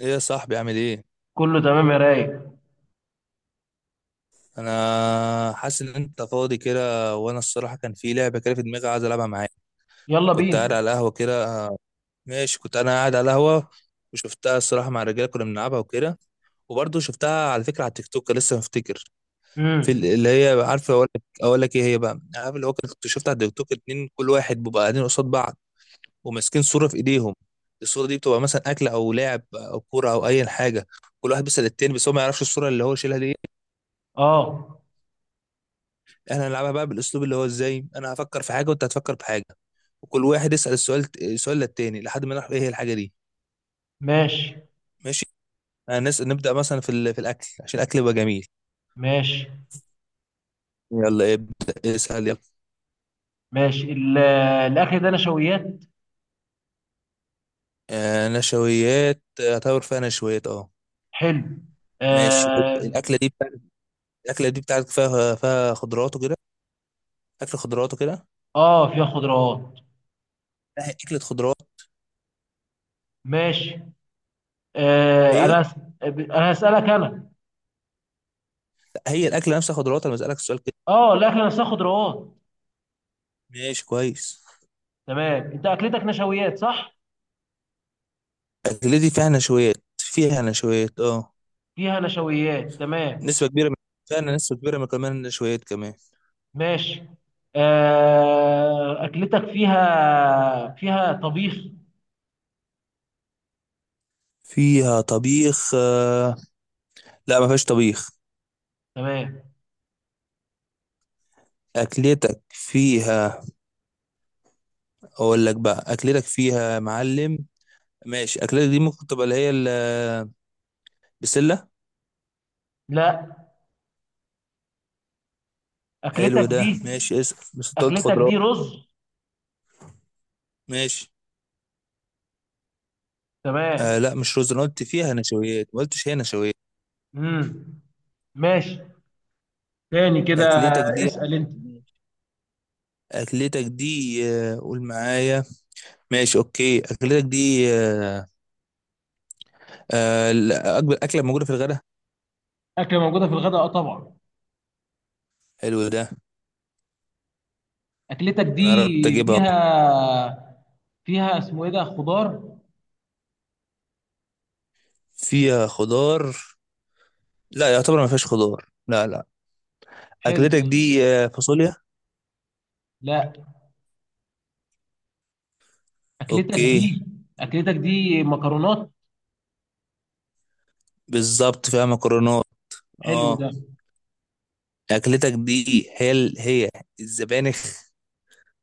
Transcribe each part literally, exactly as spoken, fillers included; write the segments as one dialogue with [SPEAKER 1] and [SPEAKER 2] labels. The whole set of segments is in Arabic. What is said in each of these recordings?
[SPEAKER 1] ايه يا صاحبي؟ عامل ايه؟
[SPEAKER 2] كله تمام يا رايق.
[SPEAKER 1] انا حاسس ان انت فاضي كده، وانا الصراحه كان في لعبه كده في دماغي عايز العبها معاك.
[SPEAKER 2] يلا
[SPEAKER 1] كنت قاعد
[SPEAKER 2] بينا.
[SPEAKER 1] على القهوه كده، ماشي، كنت انا قاعد على القهوه وشفتها الصراحه مع الرجاله، كنا بنلعبها وكده. وبرضه شفتها على فكره على التيك توك، لسه مفتكر. في ال-
[SPEAKER 2] امم.
[SPEAKER 1] اللي هي، عارف، اقول لك اقول لك ايه هي بقى، عارف اللي هو كنت شفتها على التيك توك. اتنين كل واحد بيبقى قاعدين قصاد بعض وماسكين صوره في ايديهم. الصوره دي بتبقى مثلا اكل او لعب او كوره او اي حاجه. كل واحد بيسال التاني، بس هو ما يعرفش الصوره اللي هو شايلها دي.
[SPEAKER 2] اه.
[SPEAKER 1] احنا هنلعبها بقى بالاسلوب اللي هو ازاي، انا هفكر في حاجه وانت هتفكر في حاجه، وكل واحد يسال السؤال السؤال للتاني لحد ما نعرف ايه هي الحاجه دي.
[SPEAKER 2] ماشي.
[SPEAKER 1] ماشي. هنس... نبدا مثلا في ال... في الاكل عشان الاكل يبقى جميل.
[SPEAKER 2] ماشي.
[SPEAKER 1] يلا ابدا اسال، يلا.
[SPEAKER 2] ماشي. ال- الاكل ده نشويات؟
[SPEAKER 1] آه نشويات، اعتبر فيها نشويات، اه.
[SPEAKER 2] حلو.
[SPEAKER 1] ماشي،
[SPEAKER 2] اه.
[SPEAKER 1] الاكله دي بتاعت، الاكله دي بتاعتك فيها فيها خضروات وكده، اكل خضروات وكده.
[SPEAKER 2] اه، فيها خضروات.
[SPEAKER 1] لا، هي اكله خضروات.
[SPEAKER 2] ماشي. آه،
[SPEAKER 1] هي،
[SPEAKER 2] انا هس- انا هسألك انا.
[SPEAKER 1] هي الاكله نفسها خضروات، انا بسالك السؤال كده.
[SPEAKER 2] اه، الاكل نفسها خضروات.
[SPEAKER 1] ماشي، كويس.
[SPEAKER 2] تمام. انت اكلتك نشويات، صح؟
[SPEAKER 1] الاكله دي فيها نشويات، فيها نشويات اه.
[SPEAKER 2] فيها نشويات. تمام.
[SPEAKER 1] نسبة كبيرة من السمنة، نسبة كبيرة من كمان النشويات كمان.
[SPEAKER 2] ماشي. آه، اكلتك فيها فيها طبيخ؟
[SPEAKER 1] فيها طبيخ آه، لا، ما فيهاش طبيخ.
[SPEAKER 2] تمام.
[SPEAKER 1] أكلتك فيها، أقول لك بقى أكلتك فيها يا معلم. ماشي، أكلتك دي ممكن تبقى اللي هي ال- البسلة.
[SPEAKER 2] لا.
[SPEAKER 1] حلو
[SPEAKER 2] اكلتك
[SPEAKER 1] ده،
[SPEAKER 2] دي
[SPEAKER 1] ماشي، اسأل، بس أنت قلت
[SPEAKER 2] اكلتك
[SPEAKER 1] خضروات.
[SPEAKER 2] دي رز.
[SPEAKER 1] ماشي،
[SPEAKER 2] تمام.
[SPEAKER 1] آه لا، مش رز، أنا قلت فيها نشويات، ما قلتش هي نشويات.
[SPEAKER 2] امم. ماشي. تاني كده،
[SPEAKER 1] أكلتك دي،
[SPEAKER 2] اسأل انت.
[SPEAKER 1] أكلتك دي آه، قول معايا. ماشي، أوكي، أكلتك دي، آه، آه، الأكبر أكلة موجودة في الغداء.
[SPEAKER 2] اكله موجوده في الغداء، اه طبعا.
[SPEAKER 1] حلو ده،
[SPEAKER 2] اكلتك دي
[SPEAKER 1] انا قربت اجيبها.
[SPEAKER 2] فيها فيها اسمه ايه ده، خضار؟
[SPEAKER 1] فيها خضار، لا، يعتبر ما فيهاش خضار، لا لا.
[SPEAKER 2] حلو
[SPEAKER 1] اكلتك
[SPEAKER 2] ده.
[SPEAKER 1] دي آه، فاصوليا.
[SPEAKER 2] لا. اكلتك
[SPEAKER 1] اوكي.
[SPEAKER 2] دي اكلتك دي مكرونات.
[SPEAKER 1] بالظبط فيها مكرونات،
[SPEAKER 2] حلو
[SPEAKER 1] اه.
[SPEAKER 2] ده.
[SPEAKER 1] اكلتك دي هي ال- هي الزبانخ.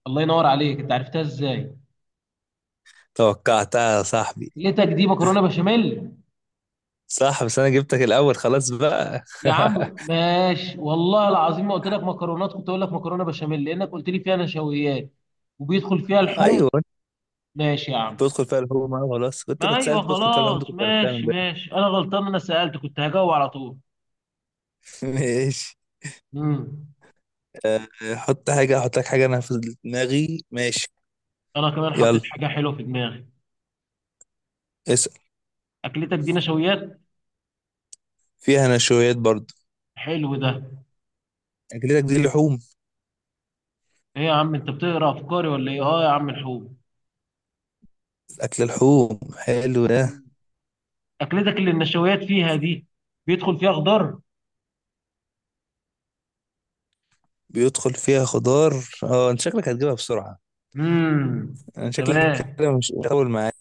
[SPEAKER 2] الله ينور عليك، انت عرفتها ازاي؟
[SPEAKER 1] توقعتها يا صاحبي.
[SPEAKER 2] اكلتك دي مكرونه بشاميل.
[SPEAKER 1] صح، بس انا جبتك الاول خلاص بقى.
[SPEAKER 2] يا عم ماشي، والله العظيم ما قلت لك مكرونات، كنت اقول لك مكرونه بشاميل لانك قلت لي فيها نشويات. وبيدخل فيها لحوم.
[SPEAKER 1] ايوه،
[SPEAKER 2] ماشي يا عم.
[SPEAKER 1] بدخل فيها الهوم أهو، خلاص، كنت
[SPEAKER 2] ما
[SPEAKER 1] كنت سالت
[SPEAKER 2] ايوه،
[SPEAKER 1] بدخل فيها الهوم دي،
[SPEAKER 2] خلاص،
[SPEAKER 1] كنت عرفتها من
[SPEAKER 2] ماشي،
[SPEAKER 1] بدري.
[SPEAKER 2] ماشي، انا غلطان، انا سألت كنت هجاوب على طول.
[SPEAKER 1] ماشي.
[SPEAKER 2] امم.
[SPEAKER 1] آه، حط حاجه، احط لك حاجه انا في دماغي، ماشي.
[SPEAKER 2] انا كمان حطيت
[SPEAKER 1] يلا،
[SPEAKER 2] حاجة حلوة في دماغي.
[SPEAKER 1] اسال.
[SPEAKER 2] اكلتك دي نشويات؟
[SPEAKER 1] فيها نشويات برضو.
[SPEAKER 2] حلو ده.
[SPEAKER 1] اكلتك دي لحوم.
[SPEAKER 2] ايه يا عم، انت بتقرا افكاري ولا ايه؟ اه يا عم الحوت.
[SPEAKER 1] أكل لحوم، حلو ده.
[SPEAKER 2] مم. اكلتك اللي النشويات فيها دي، بيدخل فيها خضار؟
[SPEAKER 1] بيدخل فيها خضار. اه، انت شكلك هتجيبها بسرعة،
[SPEAKER 2] امم.
[SPEAKER 1] انا شكلك
[SPEAKER 2] تمام.
[SPEAKER 1] كده مش هطول معاك.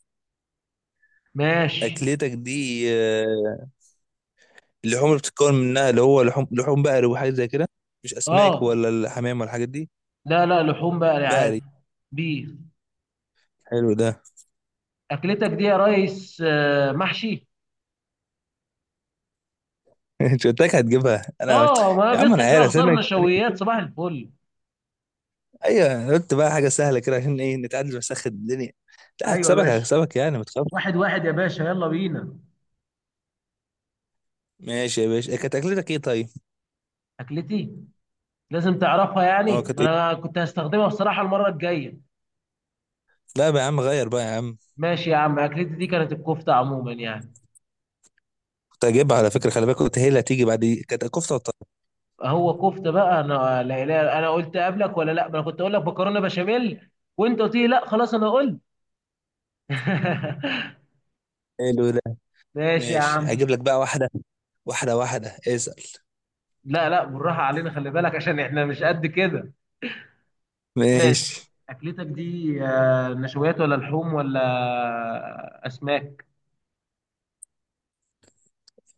[SPEAKER 2] ماشي.
[SPEAKER 1] أكلتك دي آه، اللحوم اللي بتتكون منها اللي هو لحوم، لحوم بقري وحاجة زي كده، مش أسماك
[SPEAKER 2] اه،
[SPEAKER 1] ولا الحمام ولا الحاجات دي.
[SPEAKER 2] لا لا، لحوم بقى يا عادي.
[SPEAKER 1] بقري.
[SPEAKER 2] بيف.
[SPEAKER 1] حلو ده.
[SPEAKER 2] اكلتك دي يا ريس، آه، محشي؟
[SPEAKER 1] انت قلت لك هتجيبها انا.
[SPEAKER 2] اه، ما
[SPEAKER 1] يا عم، انا
[SPEAKER 2] بيدخل فيها
[SPEAKER 1] عارف
[SPEAKER 2] خضار
[SPEAKER 1] انا.
[SPEAKER 2] نشويات، صباح الفل.
[SPEAKER 1] ايوه، أنا قلت بقى حاجة سهلة كده عشان ايه، نتعادل ونسخن الدنيا. لا،
[SPEAKER 2] ايوه
[SPEAKER 1] هكسبك،
[SPEAKER 2] ماشي.
[SPEAKER 1] هكسبك يعني ما تخافش.
[SPEAKER 2] واحد واحد يا باشا، يلا بينا.
[SPEAKER 1] ماشي يا باشا، كانت أكلتك ايه طيب؟
[SPEAKER 2] أكلتي؟ لازم تعرفها
[SPEAKER 1] اه،
[SPEAKER 2] يعني،
[SPEAKER 1] كانت
[SPEAKER 2] ما
[SPEAKER 1] ايه؟
[SPEAKER 2] أنا كنت هستخدمها بصراحة المرة الجاية.
[SPEAKER 1] لا بقى يا عم، غير بقى يا عم.
[SPEAKER 2] ماشي يا عم، أكلتي دي كانت الكفتة عموما يعني.
[SPEAKER 1] كنت هجيبها على فكرة، خلي بالك، قلت هي اللي هتيجي بعد دي. كانت كفتة وطرب.
[SPEAKER 2] هو كفتة بقى؟ أنا، لا لا، أنا قلت قبلك ولا لأ؟ ما أنا كنت أقول لك مكرونة بشاميل وأنت قلت لي لأ خلاص أنا قلت.
[SPEAKER 1] حلو ده.
[SPEAKER 2] ماشي يا
[SPEAKER 1] ماشي،
[SPEAKER 2] عم.
[SPEAKER 1] هجيب لك بقى واحدة واحدة، واحدة اسأل.
[SPEAKER 2] لا لا، بالراحة علينا، خلي بالك عشان إحنا مش قد كده.
[SPEAKER 1] ماشي،
[SPEAKER 2] ماشي. أكلتك دي آه، نشويات ولا لحوم ولا أسماك؟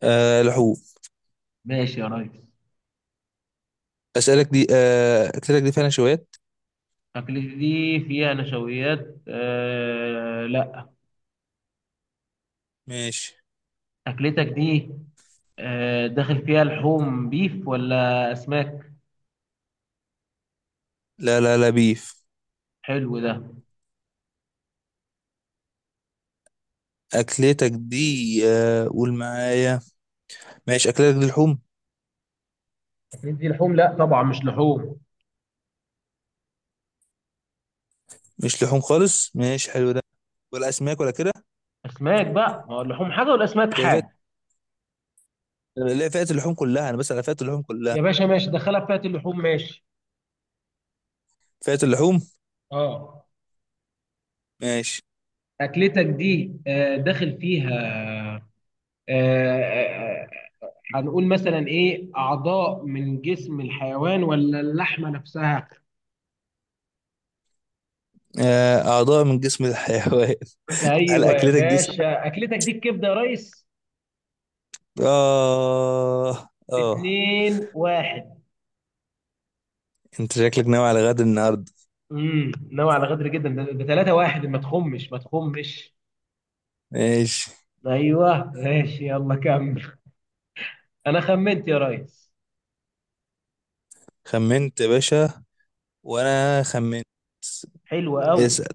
[SPEAKER 1] آه لحوم.
[SPEAKER 2] ماشي يا ريس.
[SPEAKER 1] أسألك دي آه، أكلتك دي فعلا شويات.
[SPEAKER 2] أكلتي دي فيها نشويات؟ آه لا.
[SPEAKER 1] ماشي.
[SPEAKER 2] أكلتك دي آه داخل فيها لحوم بيف ولا أسماك؟
[SPEAKER 1] لا لا لا، بيف.
[SPEAKER 2] حلو ده.
[SPEAKER 1] أكلتك دي آه، قول معايا. ماشي، أكلتك دي لحوم.
[SPEAKER 2] اكلتي دي لحوم؟ لا طبعا مش لحوم.
[SPEAKER 1] مش لحوم خالص، ماشي، حلو ده، ولا أسماك ولا كده.
[SPEAKER 2] أسماك بقى، ما هو اللحوم حاجة والأسماك
[SPEAKER 1] لا، فئة،
[SPEAKER 2] حاجة.
[SPEAKER 1] لا فئة اللحوم كلها، أنا بس على فئة اللحوم كلها.
[SPEAKER 2] يا باشا ماشي، دخلها في فئه اللحوم، ماشي.
[SPEAKER 1] فئة اللحوم.
[SPEAKER 2] اه.
[SPEAKER 1] ماشي.
[SPEAKER 2] أكلتك دي آه داخل فيها، آه آه، آه، هنقول مثلا إيه، أعضاء من جسم الحيوان ولا اللحمة نفسها؟
[SPEAKER 1] آه، أعضاء من جسم الحيوان. هل
[SPEAKER 2] ايوه يا
[SPEAKER 1] أكلتك دي
[SPEAKER 2] باشا، اكلتك دي الكبده يا ريس؟
[SPEAKER 1] آه، آه.
[SPEAKER 2] اتنين واحد.
[SPEAKER 1] أنت شكلك ناوي على غد النهاردة.
[SPEAKER 2] امم، نوع على غدر جدا ده. ده تلاتة واحد، ما تخمش، ما تخمش.
[SPEAKER 1] ماشي.
[SPEAKER 2] ايوه ماشي، يلا كمل. انا خمنت يا ريس.
[SPEAKER 1] خمنت يا باشا، وأنا خمنت.
[SPEAKER 2] حلو قوي.
[SPEAKER 1] اسأل.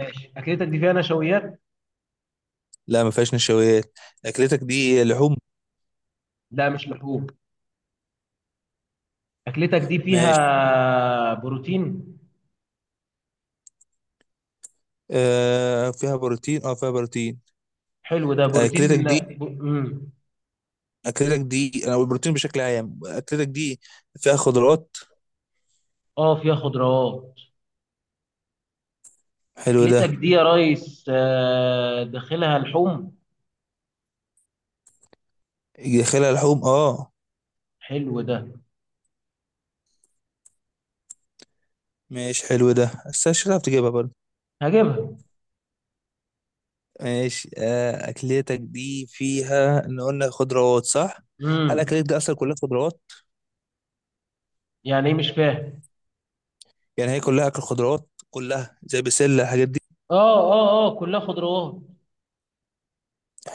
[SPEAKER 2] ماشي. اكلتك دي فيها نشويات؟
[SPEAKER 1] لا، ما فيهاش نشويات. أكلتك دي لحوم.
[SPEAKER 2] لا مش لحوم. اكلتك دي
[SPEAKER 1] ماشي،
[SPEAKER 2] فيها بروتين؟
[SPEAKER 1] آه فيها بروتين، أه فيها بروتين.
[SPEAKER 2] حلو ده، بروتين.
[SPEAKER 1] أكلتك دي،
[SPEAKER 2] امم.
[SPEAKER 1] أكلتك دي، أنا بقول بروتين بشكل عام. أكلتك دي فيها خضروات.
[SPEAKER 2] اه، فيها خضروات.
[SPEAKER 1] حلو ده.
[SPEAKER 2] اكلتك دي يا ريس، آه، داخلها لحوم؟
[SPEAKER 1] داخلها لحوم، أه.
[SPEAKER 2] حلو ده.
[SPEAKER 1] ماشي، حلو ده، بس مش هتعرف تجيبها برضه.
[SPEAKER 2] هجيبها.
[SPEAKER 1] ماشي، آه، أكلتك دي فيها، إن قلنا خضروات صح؟ هل
[SPEAKER 2] امم.
[SPEAKER 1] أكلتك دي أصلا كلها خضروات؟
[SPEAKER 2] يعني ايه؟ مش فاهم.
[SPEAKER 1] يعني هي كلها اكل خضروات، كلها زي بسله الحاجات دي.
[SPEAKER 2] اه، اه، اه، كلها خضروات.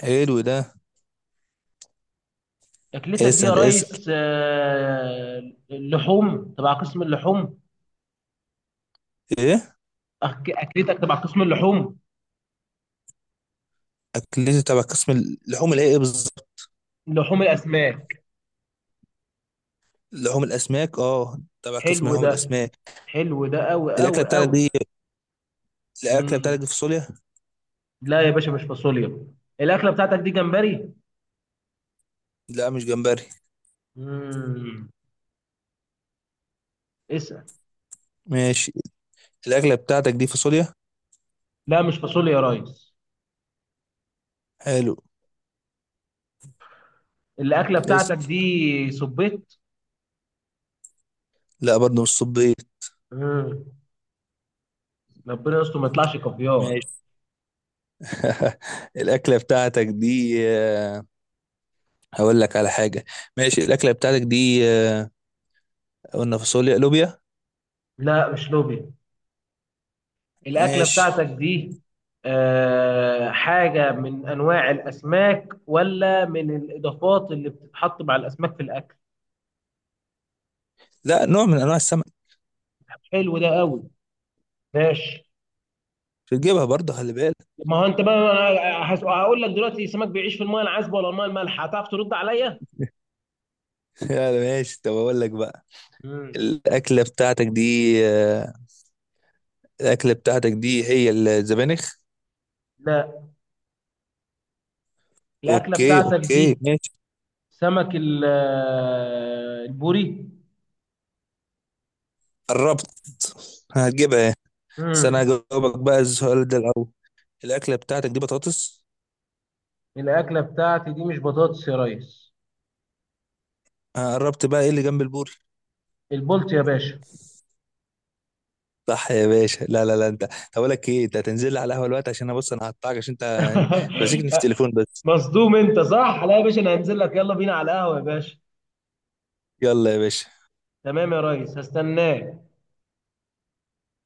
[SPEAKER 1] حلو ده.
[SPEAKER 2] اكلتك دي يا
[SPEAKER 1] اسال اسال.
[SPEAKER 2] ريس، آه، اللحوم تبع قسم اللحوم؟
[SPEAKER 1] ايه؟
[SPEAKER 2] أك- اكلتك تبع قسم اللحوم.
[SPEAKER 1] اكلتي تبع قسم اللحوم اللي هي ايه بالظبط؟
[SPEAKER 2] لحوم الاسماك.
[SPEAKER 1] لحوم الاسماك، اه، تبع قسم
[SPEAKER 2] حلو
[SPEAKER 1] لحوم
[SPEAKER 2] ده.
[SPEAKER 1] الاسماك.
[SPEAKER 2] حلو ده قوي
[SPEAKER 1] الاكله
[SPEAKER 2] قوي
[SPEAKER 1] بتاعتك
[SPEAKER 2] قوي.
[SPEAKER 1] دي، الاكله
[SPEAKER 2] مم.
[SPEAKER 1] بتاعتك دي فاصوليا.
[SPEAKER 2] لا يا باشا، مش فاصوليا. الاكله بتاعتك دي جمبري؟
[SPEAKER 1] لا مش جمبري.
[SPEAKER 2] مم. اسال.
[SPEAKER 1] ماشي. الاكله بتاعتك دي فاصوليا.
[SPEAKER 2] لا، مش فاصوليا يا ريس.
[SPEAKER 1] حلو.
[SPEAKER 2] الاكله بتاعتك
[SPEAKER 1] اسال.
[SPEAKER 2] دي صبيت؟
[SPEAKER 1] لا برضه مش صبيط.
[SPEAKER 2] مم. ربنا يستر ما يطلعش كافيار.
[SPEAKER 1] ماشي. الاكله بتاعتك دي آه، هقول لك على حاجه. ماشي، الاكله بتاعتك دي آه، قلنا فاصوليا، لوبيا.
[SPEAKER 2] لا، مش لوبيا. الأكلة
[SPEAKER 1] ماشي.
[SPEAKER 2] بتاعتك دي آه، حاجة من أنواع الأسماك ولا من الإضافات اللي بتتحط مع الأسماك في الأكل؟
[SPEAKER 1] لا، نوع من انواع السمك.
[SPEAKER 2] حلو ده قوي. ماشي.
[SPEAKER 1] بتجيبها برضه، خلي بالك.
[SPEAKER 2] ما هو أنت بقى، أنا هس- هقول لك دلوقتي، السمك بيعيش في المايه العذبة ولا المايه المالحة، هتعرف ترد عليا؟
[SPEAKER 1] لا لا، ماشي، طب اقول لك بقى.
[SPEAKER 2] مم.
[SPEAKER 1] الاكله بتاعتك دي آه، الاكله بتاعتك دي هي الزبانخ.
[SPEAKER 2] لا. الأكلة
[SPEAKER 1] اوكي
[SPEAKER 2] بتاعتك
[SPEAKER 1] اوكي،
[SPEAKER 2] دي
[SPEAKER 1] ماشي.
[SPEAKER 2] سمك ال- آه، البوري؟
[SPEAKER 1] قربت. هتجيبها إيه؟ بس انا
[SPEAKER 2] مم.
[SPEAKER 1] هجاوبك بقى السؤال ده الاول. الاكله بتاعتك دي بطاطس.
[SPEAKER 2] الأكلة بتاعتي دي مش بطاطس يا ريس.
[SPEAKER 1] آه، قربت بقى، ايه اللي جنب البوري؟
[SPEAKER 2] البولت يا باشا.
[SPEAKER 1] صح يا باشا. لا لا لا، انت طب، اقول لك ايه، انت هتنزل لي على القهوه دلوقتي، عشان انا بص، انا هقطعك عشان انت ماسكني في التليفون بس.
[SPEAKER 2] مصدوم انت، صح؟ لا يا باشا، انا هنزل لك، يلا بينا على القهوه يا باشا.
[SPEAKER 1] يلا يا باشا.
[SPEAKER 2] تمام يا ريس، هستناك.